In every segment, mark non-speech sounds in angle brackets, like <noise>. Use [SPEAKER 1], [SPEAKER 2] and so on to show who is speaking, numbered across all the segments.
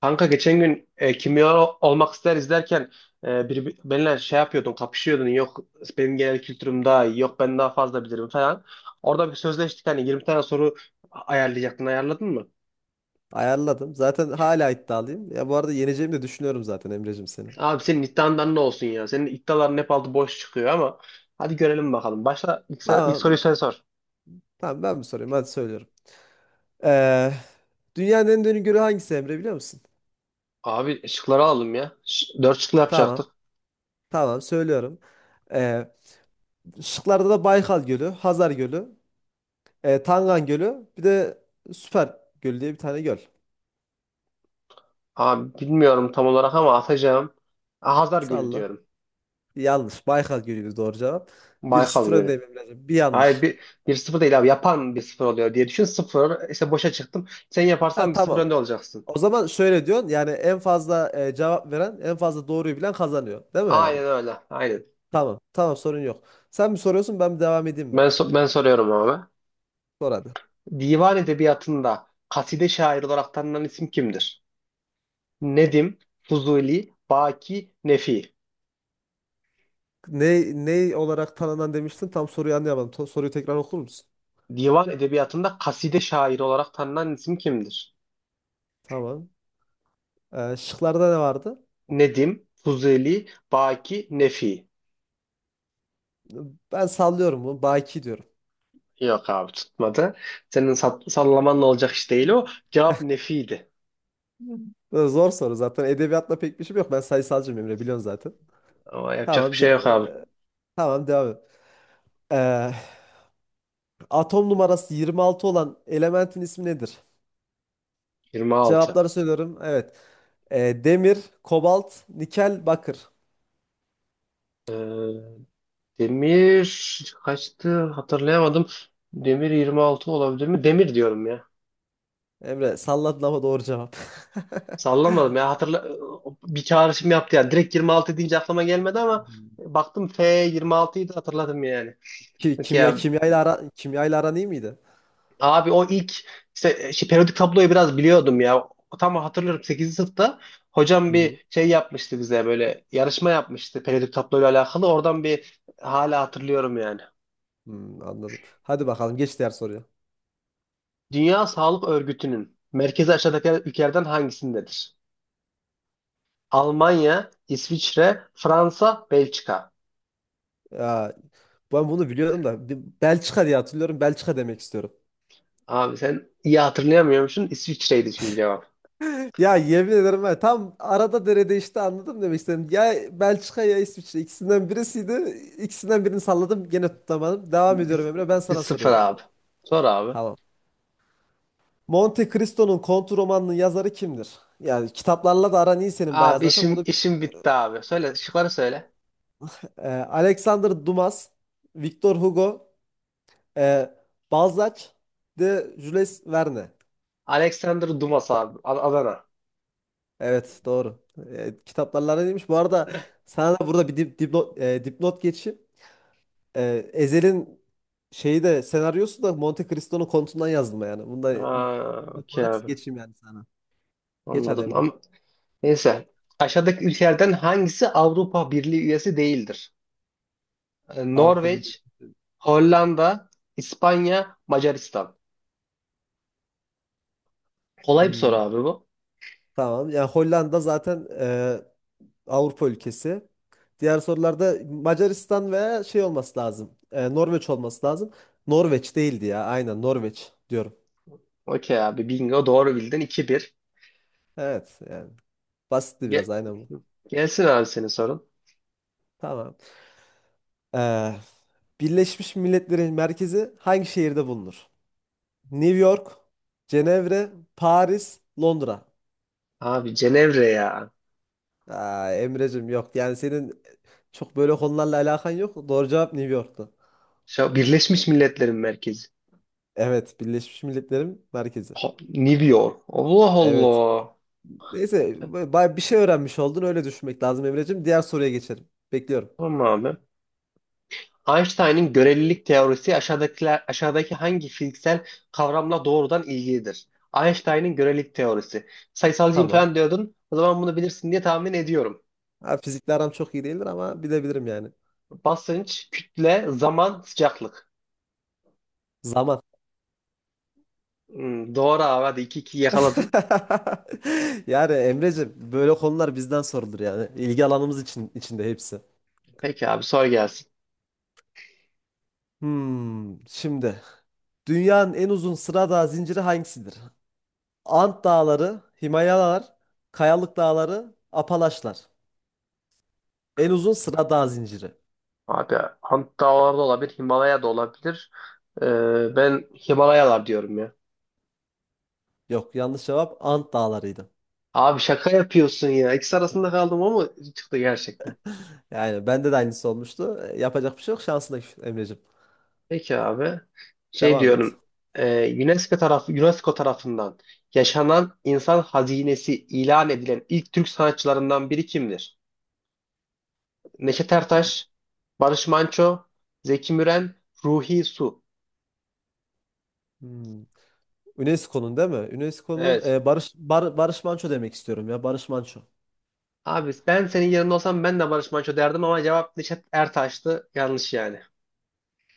[SPEAKER 1] Kanka geçen gün kimya olmak ister izlerken bir, benimle şey yapıyordun, kapışıyordun. Yok benim genel kültürüm daha iyi, yok ben daha fazla bilirim falan. Orada bir sözleştik hani 20 tane soru ayarlayacaktın, ayarladın mı?
[SPEAKER 2] Ayarladım. Zaten hala iddialıyım. Ya bu arada yeneceğimi de düşünüyorum zaten Emre'cim seni.
[SPEAKER 1] Abi senin iddiandan ne olsun ya? Senin iddiaların hep altı boş çıkıyor ama hadi görelim bakalım. Başla ilk soruyu
[SPEAKER 2] Tamam,
[SPEAKER 1] sen sor.
[SPEAKER 2] tamam ben mi sorayım? Hadi söylüyorum. Ee, Dünyanın en derin gölü hangisi Emre biliyor musun?
[SPEAKER 1] Abi şıkları alalım ya. Dört şıklı
[SPEAKER 2] Tamam,
[SPEAKER 1] yapacaktık.
[SPEAKER 2] tamam söylüyorum. Ee, Şıklarda da Baykal Gölü, Hazar Gölü, Tangan Gölü, bir de Süper Gölü diye bir tane göl.
[SPEAKER 1] Abi bilmiyorum tam olarak ama atacağım. Hazar Gölü
[SPEAKER 2] Salla.
[SPEAKER 1] diyorum.
[SPEAKER 2] Yanlış. Baykal Gölü'ydü doğru cevap. Bir
[SPEAKER 1] Baykal
[SPEAKER 2] 0 öndeyim
[SPEAKER 1] Gölü.
[SPEAKER 2] Emre'cim. Bir
[SPEAKER 1] Hayır
[SPEAKER 2] yanlış.
[SPEAKER 1] bir, bir sıfır değil abi. Yapan bir sıfır oluyor diye düşün. Sıfır işte boşa çıktım. Sen yaparsan
[SPEAKER 2] Ha
[SPEAKER 1] bir sıfır
[SPEAKER 2] tamam.
[SPEAKER 1] önde olacaksın.
[SPEAKER 2] O zaman şöyle diyorsun yani en fazla cevap veren en fazla doğruyu bilen kazanıyor. Değil mi yani?
[SPEAKER 1] Aynen öyle. Aynen.
[SPEAKER 2] Tamam. Tamam sorun yok. Sen mi soruyorsun ben mi devam edeyim mi?
[SPEAKER 1] Ben soruyorum abi.
[SPEAKER 2] Sor hadi.
[SPEAKER 1] Divan edebiyatında kaside şair olarak tanınan isim kimdir? Nedim, Fuzuli, Baki, Nefi.
[SPEAKER 2] Ne, ne olarak tanınan demiştin? Tam soruyu anlayamadım. Soruyu tekrar okur musun?
[SPEAKER 1] Divan edebiyatında kaside şairi olarak tanınan isim kimdir?
[SPEAKER 2] Tamam. Şıklarda ne vardı?
[SPEAKER 1] Nedim, Fuzuli, Baki, Nefi.
[SPEAKER 2] Ben sallıyorum bunu. Baki diyorum.
[SPEAKER 1] Yok abi tutmadı. Senin sallamanla olacak iş değil o. Cevap Nefi'ydi.
[SPEAKER 2] Zor soru zaten. Edebiyatla pek bir şeyim yok. Ben sayısalcıyım Emre biliyorsun zaten.
[SPEAKER 1] Ama yapacak bir
[SPEAKER 2] Tamam.
[SPEAKER 1] şey yok abi.
[SPEAKER 2] E, tamam devam et. Ee, Atom numarası 26 olan elementin ismi nedir?
[SPEAKER 1] 26.
[SPEAKER 2] Cevapları söylüyorum. Evet. Demir, kobalt, nikel, bakır.
[SPEAKER 1] Ee, Demir kaçtı hatırlayamadım. Demir 26 olabilir mi? Demir diyorum ya.
[SPEAKER 2] Emre salladın ama doğru cevap.
[SPEAKER 1] Sallamadım ya, hatırla, bir çağrışım yaptı yani. Direkt 26 deyince aklıma gelmedi ama
[SPEAKER 2] <laughs>
[SPEAKER 1] baktım F 26'yı da hatırladım yani.
[SPEAKER 2] Ki,
[SPEAKER 1] Peki
[SPEAKER 2] kimya
[SPEAKER 1] ya
[SPEAKER 2] kimyayla ara kimyayla aran iyi miydi?
[SPEAKER 1] abi o ilk işte, şey, periyodik tabloyu biraz biliyordum ya. Tam hatırlıyorum 8. sınıfta hocam
[SPEAKER 2] Hı hı.
[SPEAKER 1] bir şey yapmıştı, bize böyle yarışma yapmıştı periyodik tabloyla alakalı. Oradan bir hala hatırlıyorum yani.
[SPEAKER 2] Anladım. Hadi bakalım geç diğer soruya.
[SPEAKER 1] Dünya Sağlık Örgütü'nün merkezi aşağıdaki ülkelerden hangisindedir? Almanya, İsviçre, Fransa, Belçika.
[SPEAKER 2] Ya, ben bunu biliyorum da bir Belçika diye hatırlıyorum. Belçika demek istiyorum. <laughs>
[SPEAKER 1] Abi sen iyi hatırlayamıyormuşsun. İsviçre'ydi çünkü cevap.
[SPEAKER 2] Ya yemin ederim ben tam arada derede işte anladım demek istedim. Ya Belçika ya İsviçre ikisinden birisiydi. İkisinden birini salladım gene tutamadım. Devam ediyorum
[SPEAKER 1] Biz,
[SPEAKER 2] Emre ben
[SPEAKER 1] biz
[SPEAKER 2] sana
[SPEAKER 1] sıfır
[SPEAKER 2] soruyorum.
[SPEAKER 1] abi. Sor abi.
[SPEAKER 2] Tamam. Monte Cristo'nun Kont romanının yazarı kimdir? Yani kitaplarla da aran iyi senin bayağı
[SPEAKER 1] Abi
[SPEAKER 2] zaten.
[SPEAKER 1] işim
[SPEAKER 2] Bunu
[SPEAKER 1] işim bitti abi. Söyle şıkları söyle.
[SPEAKER 2] Alexander Dumas, Victor Hugo, Ee, Balzac de Jules Verne.
[SPEAKER 1] Alexander Dumas abi. Adana.
[SPEAKER 2] Evet doğru. Kitaplarla neymiş? Bu arada sana da burada bir dipnot geçeyim. Ezel'in şeyi de senaryosu da Monte Cristo'nun kontundan yazılma yani. Bunu da
[SPEAKER 1] Aa,
[SPEAKER 2] dipnot
[SPEAKER 1] okey
[SPEAKER 2] olarak
[SPEAKER 1] abi.
[SPEAKER 2] geçeyim yani sana. Geç hadi
[SPEAKER 1] Anladım.
[SPEAKER 2] Emre.
[SPEAKER 1] Ama neyse. Aşağıdaki ülkelerden hangisi Avrupa Birliği üyesi değildir?
[SPEAKER 2] Avrupa Birliği.
[SPEAKER 1] Norveç, Hollanda, İspanya, Macaristan. Kolay bir soru
[SPEAKER 2] Hmm,
[SPEAKER 1] abi bu.
[SPEAKER 2] tamam. Yani Hollanda zaten Avrupa ülkesi. Diğer sorularda Macaristan veya şey olması lazım. E, Norveç olması lazım. Norveç değildi ya. Aynen Norveç diyorum.
[SPEAKER 1] Okey abi, bingo, doğru bildin, iki bir.
[SPEAKER 2] Evet yani basitti biraz
[SPEAKER 1] Ge-
[SPEAKER 2] aynen bu.
[SPEAKER 1] Gelsin abi senin sorun.
[SPEAKER 2] Tamam. Ee, Birleşmiş Milletler'in merkezi hangi şehirde bulunur? New York, Cenevre, Paris, Londra.
[SPEAKER 1] Abi Cenevre ya.
[SPEAKER 2] Aa, Emre'cim yok. Yani senin çok böyle konularla alakan yok. Doğru cevap New York'tu.
[SPEAKER 1] Şu Birleşmiş Milletler'in merkezi.
[SPEAKER 2] Evet, Birleşmiş Milletler'in merkezi.
[SPEAKER 1] Ha, New York. Allah
[SPEAKER 2] Evet.
[SPEAKER 1] Allah.
[SPEAKER 2] Neyse, bay bir şey öğrenmiş oldun. Öyle düşünmek lazım Emre'cim. Diğer soruya geçelim. Bekliyorum.
[SPEAKER 1] Tamam abi. Einstein'ın görelilik teorisi aşağıdaki hangi fiziksel kavramla doğrudan ilgilidir? Einstein'ın görelilik teorisi. Sayısalcıyım
[SPEAKER 2] Tamam.
[SPEAKER 1] falan diyordun. O zaman bunu bilirsin diye tahmin ediyorum.
[SPEAKER 2] Ha, fizikle aram çok iyi değildir ama bilebilirim yani.
[SPEAKER 1] Basınç, kütle, zaman, sıcaklık.
[SPEAKER 2] Zaman.
[SPEAKER 1] Hmm, doğru abi, hadi iki iki yakaladın.
[SPEAKER 2] <laughs> Yani Emreciğim böyle konular bizden sorulur yani. İlgi alanımız için içinde hepsi.
[SPEAKER 1] Peki abi sor gelsin.
[SPEAKER 2] Şimdi dünyanın en uzun sıra dağ zinciri hangisidir? Ant Dağları, Himalayalar, Kayalık Dağları, Apalaşlar. En uzun sıra dağ zinciri.
[SPEAKER 1] Abi Ant Dağları da olabilir, Himalaya da olabilir. Ben Himalayalar diyorum ya.
[SPEAKER 2] Yok yanlış cevap Ant Dağları'ydı.
[SPEAKER 1] Abi şaka yapıyorsun ya. İkisi arasında kaldım ama çıktı gerçekten.
[SPEAKER 2] Yani bende de aynısı olmuştu. E, yapacak bir şey yok. Şansına küs Emreciğim.
[SPEAKER 1] Peki abi. Şey
[SPEAKER 2] Devam et.
[SPEAKER 1] diyorum. UNESCO tarafından yaşanan insan hazinesi ilan edilen ilk Türk sanatçılarından biri kimdir? Neşet Ertaş, Barış Manço, Zeki Müren, Ruhi Su.
[SPEAKER 2] Hmm. UNESCO'nun değil mi? UNESCO'nun
[SPEAKER 1] Evet.
[SPEAKER 2] Barış Manço demek istiyorum ya. Barış Manço.
[SPEAKER 1] Abi ben senin yerinde olsam ben de Barış Manço derdim ama cevap Neşet Ertaş'tı. Yanlış yani.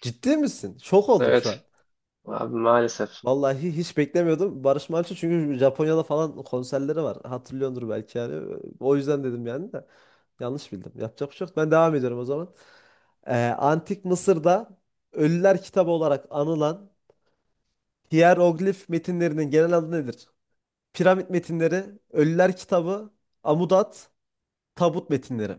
[SPEAKER 2] Ciddi misin? Şok oldum şu an.
[SPEAKER 1] Evet. Abi maalesef.
[SPEAKER 2] Vallahi hiç beklemiyordum. Barış Manço çünkü Japonya'da falan konserleri var. Hatırlıyordur belki yani. O yüzden dedim yani de. Yanlış bildim. Yapacak bir şey yok. Ben devam ediyorum o zaman. Antik Mısır'da Ölüler Kitabı olarak anılan hieroglif metinlerinin genel adı nedir? Piramit metinleri, Ölüler Kitabı, Amudat, Tabut metinleri.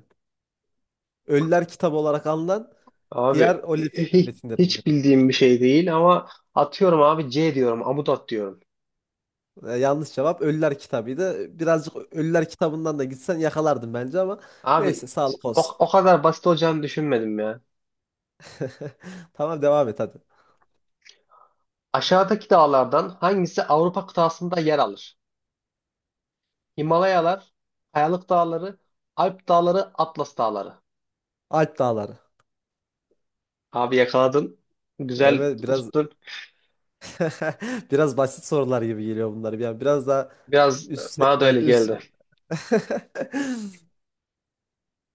[SPEAKER 2] Ölüler Kitabı olarak anılan
[SPEAKER 1] Abi
[SPEAKER 2] hieroglif
[SPEAKER 1] hiç,
[SPEAKER 2] metinlerinin genel
[SPEAKER 1] hiç
[SPEAKER 2] adı.
[SPEAKER 1] bildiğim bir şey değil ama atıyorum abi, C diyorum. Amudat diyorum.
[SPEAKER 2] E, yanlış cevap Ölüler Kitabı'ydı. Birazcık Ölüler Kitabı'ndan da gitsen yakalardın bence ama neyse
[SPEAKER 1] Abi
[SPEAKER 2] sağlık
[SPEAKER 1] o,
[SPEAKER 2] olsun.
[SPEAKER 1] o kadar basit olacağını düşünmedim ya.
[SPEAKER 2] <laughs> Tamam devam et hadi.
[SPEAKER 1] Aşağıdaki dağlardan hangisi Avrupa kıtasında yer alır? Himalayalar, Kayalık Dağları, Alp Dağları, Atlas Dağları.
[SPEAKER 2] Alp Dağları.
[SPEAKER 1] Abi yakaladın. Güzel
[SPEAKER 2] Evet biraz
[SPEAKER 1] tuttun.
[SPEAKER 2] <laughs> biraz basit sorular gibi geliyor bunlar. Yani biraz daha
[SPEAKER 1] Biraz
[SPEAKER 2] üst
[SPEAKER 1] bana da
[SPEAKER 2] segment
[SPEAKER 1] öyle
[SPEAKER 2] üst.
[SPEAKER 1] geldi.
[SPEAKER 2] <laughs>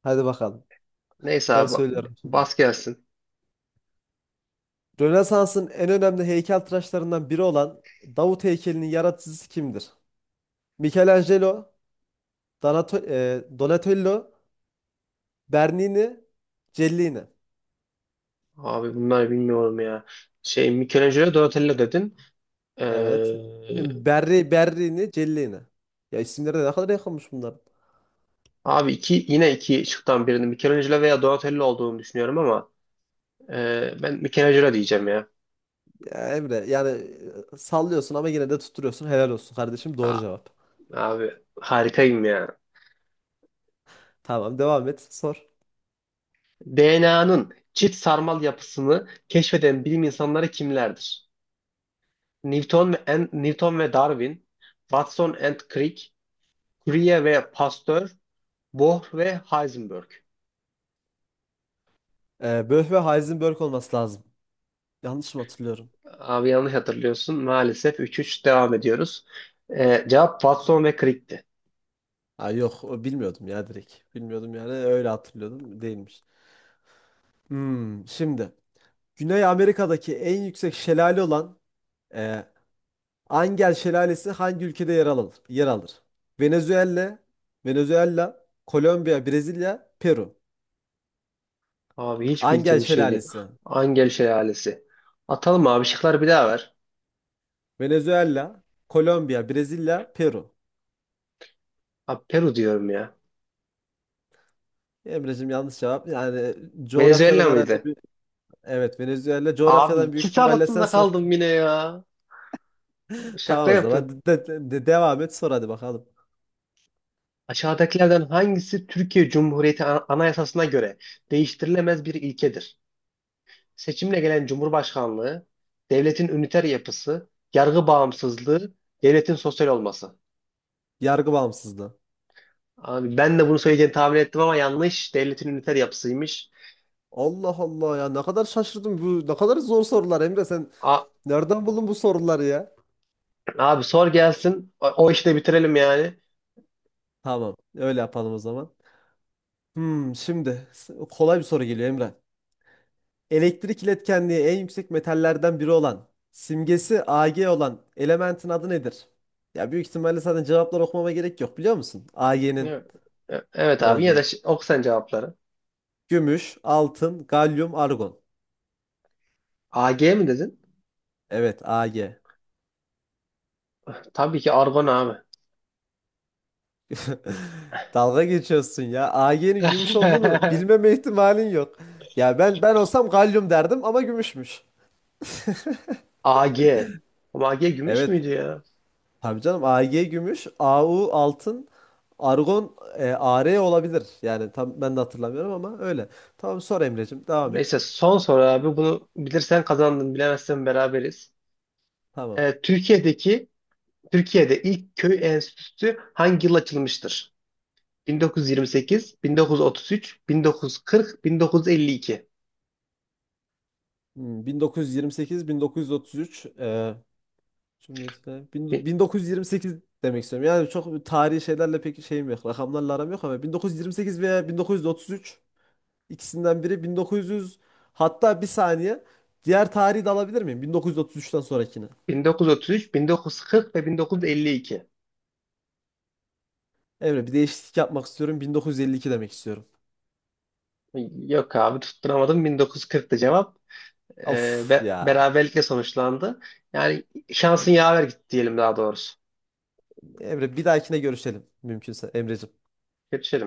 [SPEAKER 2] Hadi bakalım.
[SPEAKER 1] Neyse
[SPEAKER 2] Ben
[SPEAKER 1] abi
[SPEAKER 2] söylüyorum şimdi.
[SPEAKER 1] bas gelsin.
[SPEAKER 2] Rönesans'ın en önemli heykeltıraşlarından biri olan Davut heykelinin yaratıcısı kimdir? Michelangelo, Donatello, Bernini, Cellini.
[SPEAKER 1] Abi bunlar bilmiyorum ya. Şey, Michelangelo, Donatello dedin.
[SPEAKER 2] Evet.
[SPEAKER 1] Ee,
[SPEAKER 2] Berri, Berrini, Celle'ni. Ya isimleri de ne kadar yakınmış bunlar.
[SPEAKER 1] abi iki, yine iki şıktan birini Michelangelo veya Donatello olduğunu düşünüyorum ama ben Michelangelo diyeceğim ya.
[SPEAKER 2] Ya Emre yani sallıyorsun ama yine de tutturuyorsun. Helal olsun kardeşim. Doğru
[SPEAKER 1] Aa,
[SPEAKER 2] cevap.
[SPEAKER 1] abi harikayım ya.
[SPEAKER 2] Tamam devam et. Sor.
[SPEAKER 1] DNA'nın çift sarmal yapısını keşfeden bilim insanları kimlerdir? Newton ve Darwin, Watson and Crick, Curie ve Pasteur, Bohr ve Heisenberg.
[SPEAKER 2] Böf ve Heisenberg olması lazım. Yanlış mı hatırlıyorum?
[SPEAKER 1] Abi yanlış hatırlıyorsun. Maalesef 3-3 devam ediyoruz. Cevap Watson ve Crick'ti.
[SPEAKER 2] Ha, yok o bilmiyordum ya direkt. Bilmiyordum yani öyle hatırlıyordum. Değilmiş. Şimdi. Güney Amerika'daki en yüksek şelale olan e, Angel Şelalesi hangi ülkede yer alır? Yer alır. Venezuela, Venezuela, Kolombiya, Brezilya, Peru.
[SPEAKER 1] Abi hiç
[SPEAKER 2] Angel
[SPEAKER 1] bildiğim bir şeydi.
[SPEAKER 2] Şelalesi.
[SPEAKER 1] Angel Şelalesi. Atalım abi, şıkları bir daha ver.
[SPEAKER 2] Venezuela, Kolombiya, Brezilya, Peru.
[SPEAKER 1] Abi Peru diyorum ya.
[SPEAKER 2] Emre'cim yanlış cevap. Yani coğrafyadan
[SPEAKER 1] Venezuela
[SPEAKER 2] herhalde
[SPEAKER 1] mıydı?
[SPEAKER 2] bir... Evet Venezuela.
[SPEAKER 1] Abi
[SPEAKER 2] Coğrafyadan büyük
[SPEAKER 1] ikisi
[SPEAKER 2] ihtimalle sen
[SPEAKER 1] arasında
[SPEAKER 2] sınıf...
[SPEAKER 1] kaldım
[SPEAKER 2] <laughs>
[SPEAKER 1] yine ya. Şaka
[SPEAKER 2] Tamam o zaman.
[SPEAKER 1] yapın.
[SPEAKER 2] Devam et sor hadi bakalım.
[SPEAKER 1] Aşağıdakilerden hangisi Türkiye Cumhuriyeti Anayasası'na göre değiştirilemez bir ilkedir? Seçimle gelen Cumhurbaşkanlığı, devletin üniter yapısı, yargı bağımsızlığı, devletin sosyal olması.
[SPEAKER 2] Yargı bağımsızlığı.
[SPEAKER 1] Abi ben de bunu söyleyeceğini tahmin ettim ama yanlış. Devletin üniter yapısıymış.
[SPEAKER 2] Allah Allah ya ne kadar şaşırdım. Bu ne kadar zor sorular Emre sen
[SPEAKER 1] A-
[SPEAKER 2] nereden buldun bu soruları ya?
[SPEAKER 1] abi sor gelsin. O işi de bitirelim yani.
[SPEAKER 2] Tamam öyle yapalım o zaman. Şimdi kolay bir soru geliyor Emre. Elektrik iletkenliği en yüksek metallerden biri olan, simgesi Ag olan elementin adı nedir? Ya büyük ihtimalle zaten cevaplar okumama gerek yok biliyor musun? Ag'nin
[SPEAKER 1] Evet, evet
[SPEAKER 2] ne
[SPEAKER 1] abi, yine de
[SPEAKER 2] olduğunu.
[SPEAKER 1] oku sen cevapları.
[SPEAKER 2] Gümüş, altın, galyum, argon.
[SPEAKER 1] AG mi dedin?
[SPEAKER 2] Evet, Ag.
[SPEAKER 1] Tabii ki argon abi.
[SPEAKER 2] <laughs> Dalga geçiyorsun ya. Ag'nin gümüş olduğunu
[SPEAKER 1] <laughs>
[SPEAKER 2] bilmeme ihtimalin yok. Ya ben olsam galyum derdim ama gümüşmüş.
[SPEAKER 1] AG. Ama AG gümüş
[SPEAKER 2] Evet.
[SPEAKER 1] müydü ya?
[SPEAKER 2] Tabii canım Ag gümüş, Au altın, Argon AR olabilir. Yani tam ben de hatırlamıyorum ama öyle. Tamam sor Emre'cim devam et.
[SPEAKER 1] Neyse son soru abi. Bunu bilirsen kazandın, bilemezsen beraberiz.
[SPEAKER 2] Tamam.
[SPEAKER 1] Ee, Türkiye'deki Türkiye'de ilk köy enstitüsü hangi yıl açılmıştır? 1928, 1933, 1940, 1952.
[SPEAKER 2] 1928-1933 Cumhuriyet'le
[SPEAKER 1] Bi-
[SPEAKER 2] 1928 demek istiyorum. Yani çok tarihi şeylerle pek şeyim yok. Rakamlarla aram yok ama 1928 veya 1933 ikisinden biri 1900 hatta bir saniye diğer tarihi de alabilir miyim? 1933'ten sonrakini.
[SPEAKER 1] 1933, 1940 ve 1952.
[SPEAKER 2] Emre bir değişiklik yapmak istiyorum. 1952 demek istiyorum.
[SPEAKER 1] Yok abi tutturamadım. 1940'tı cevap.
[SPEAKER 2] Of ya.
[SPEAKER 1] Beraberlikle sonuçlandı. Yani şansın yaver gitti diyelim, daha doğrusu.
[SPEAKER 2] Emre bir dahakine görüşelim mümkünse Emreciğim.
[SPEAKER 1] Kötü şey.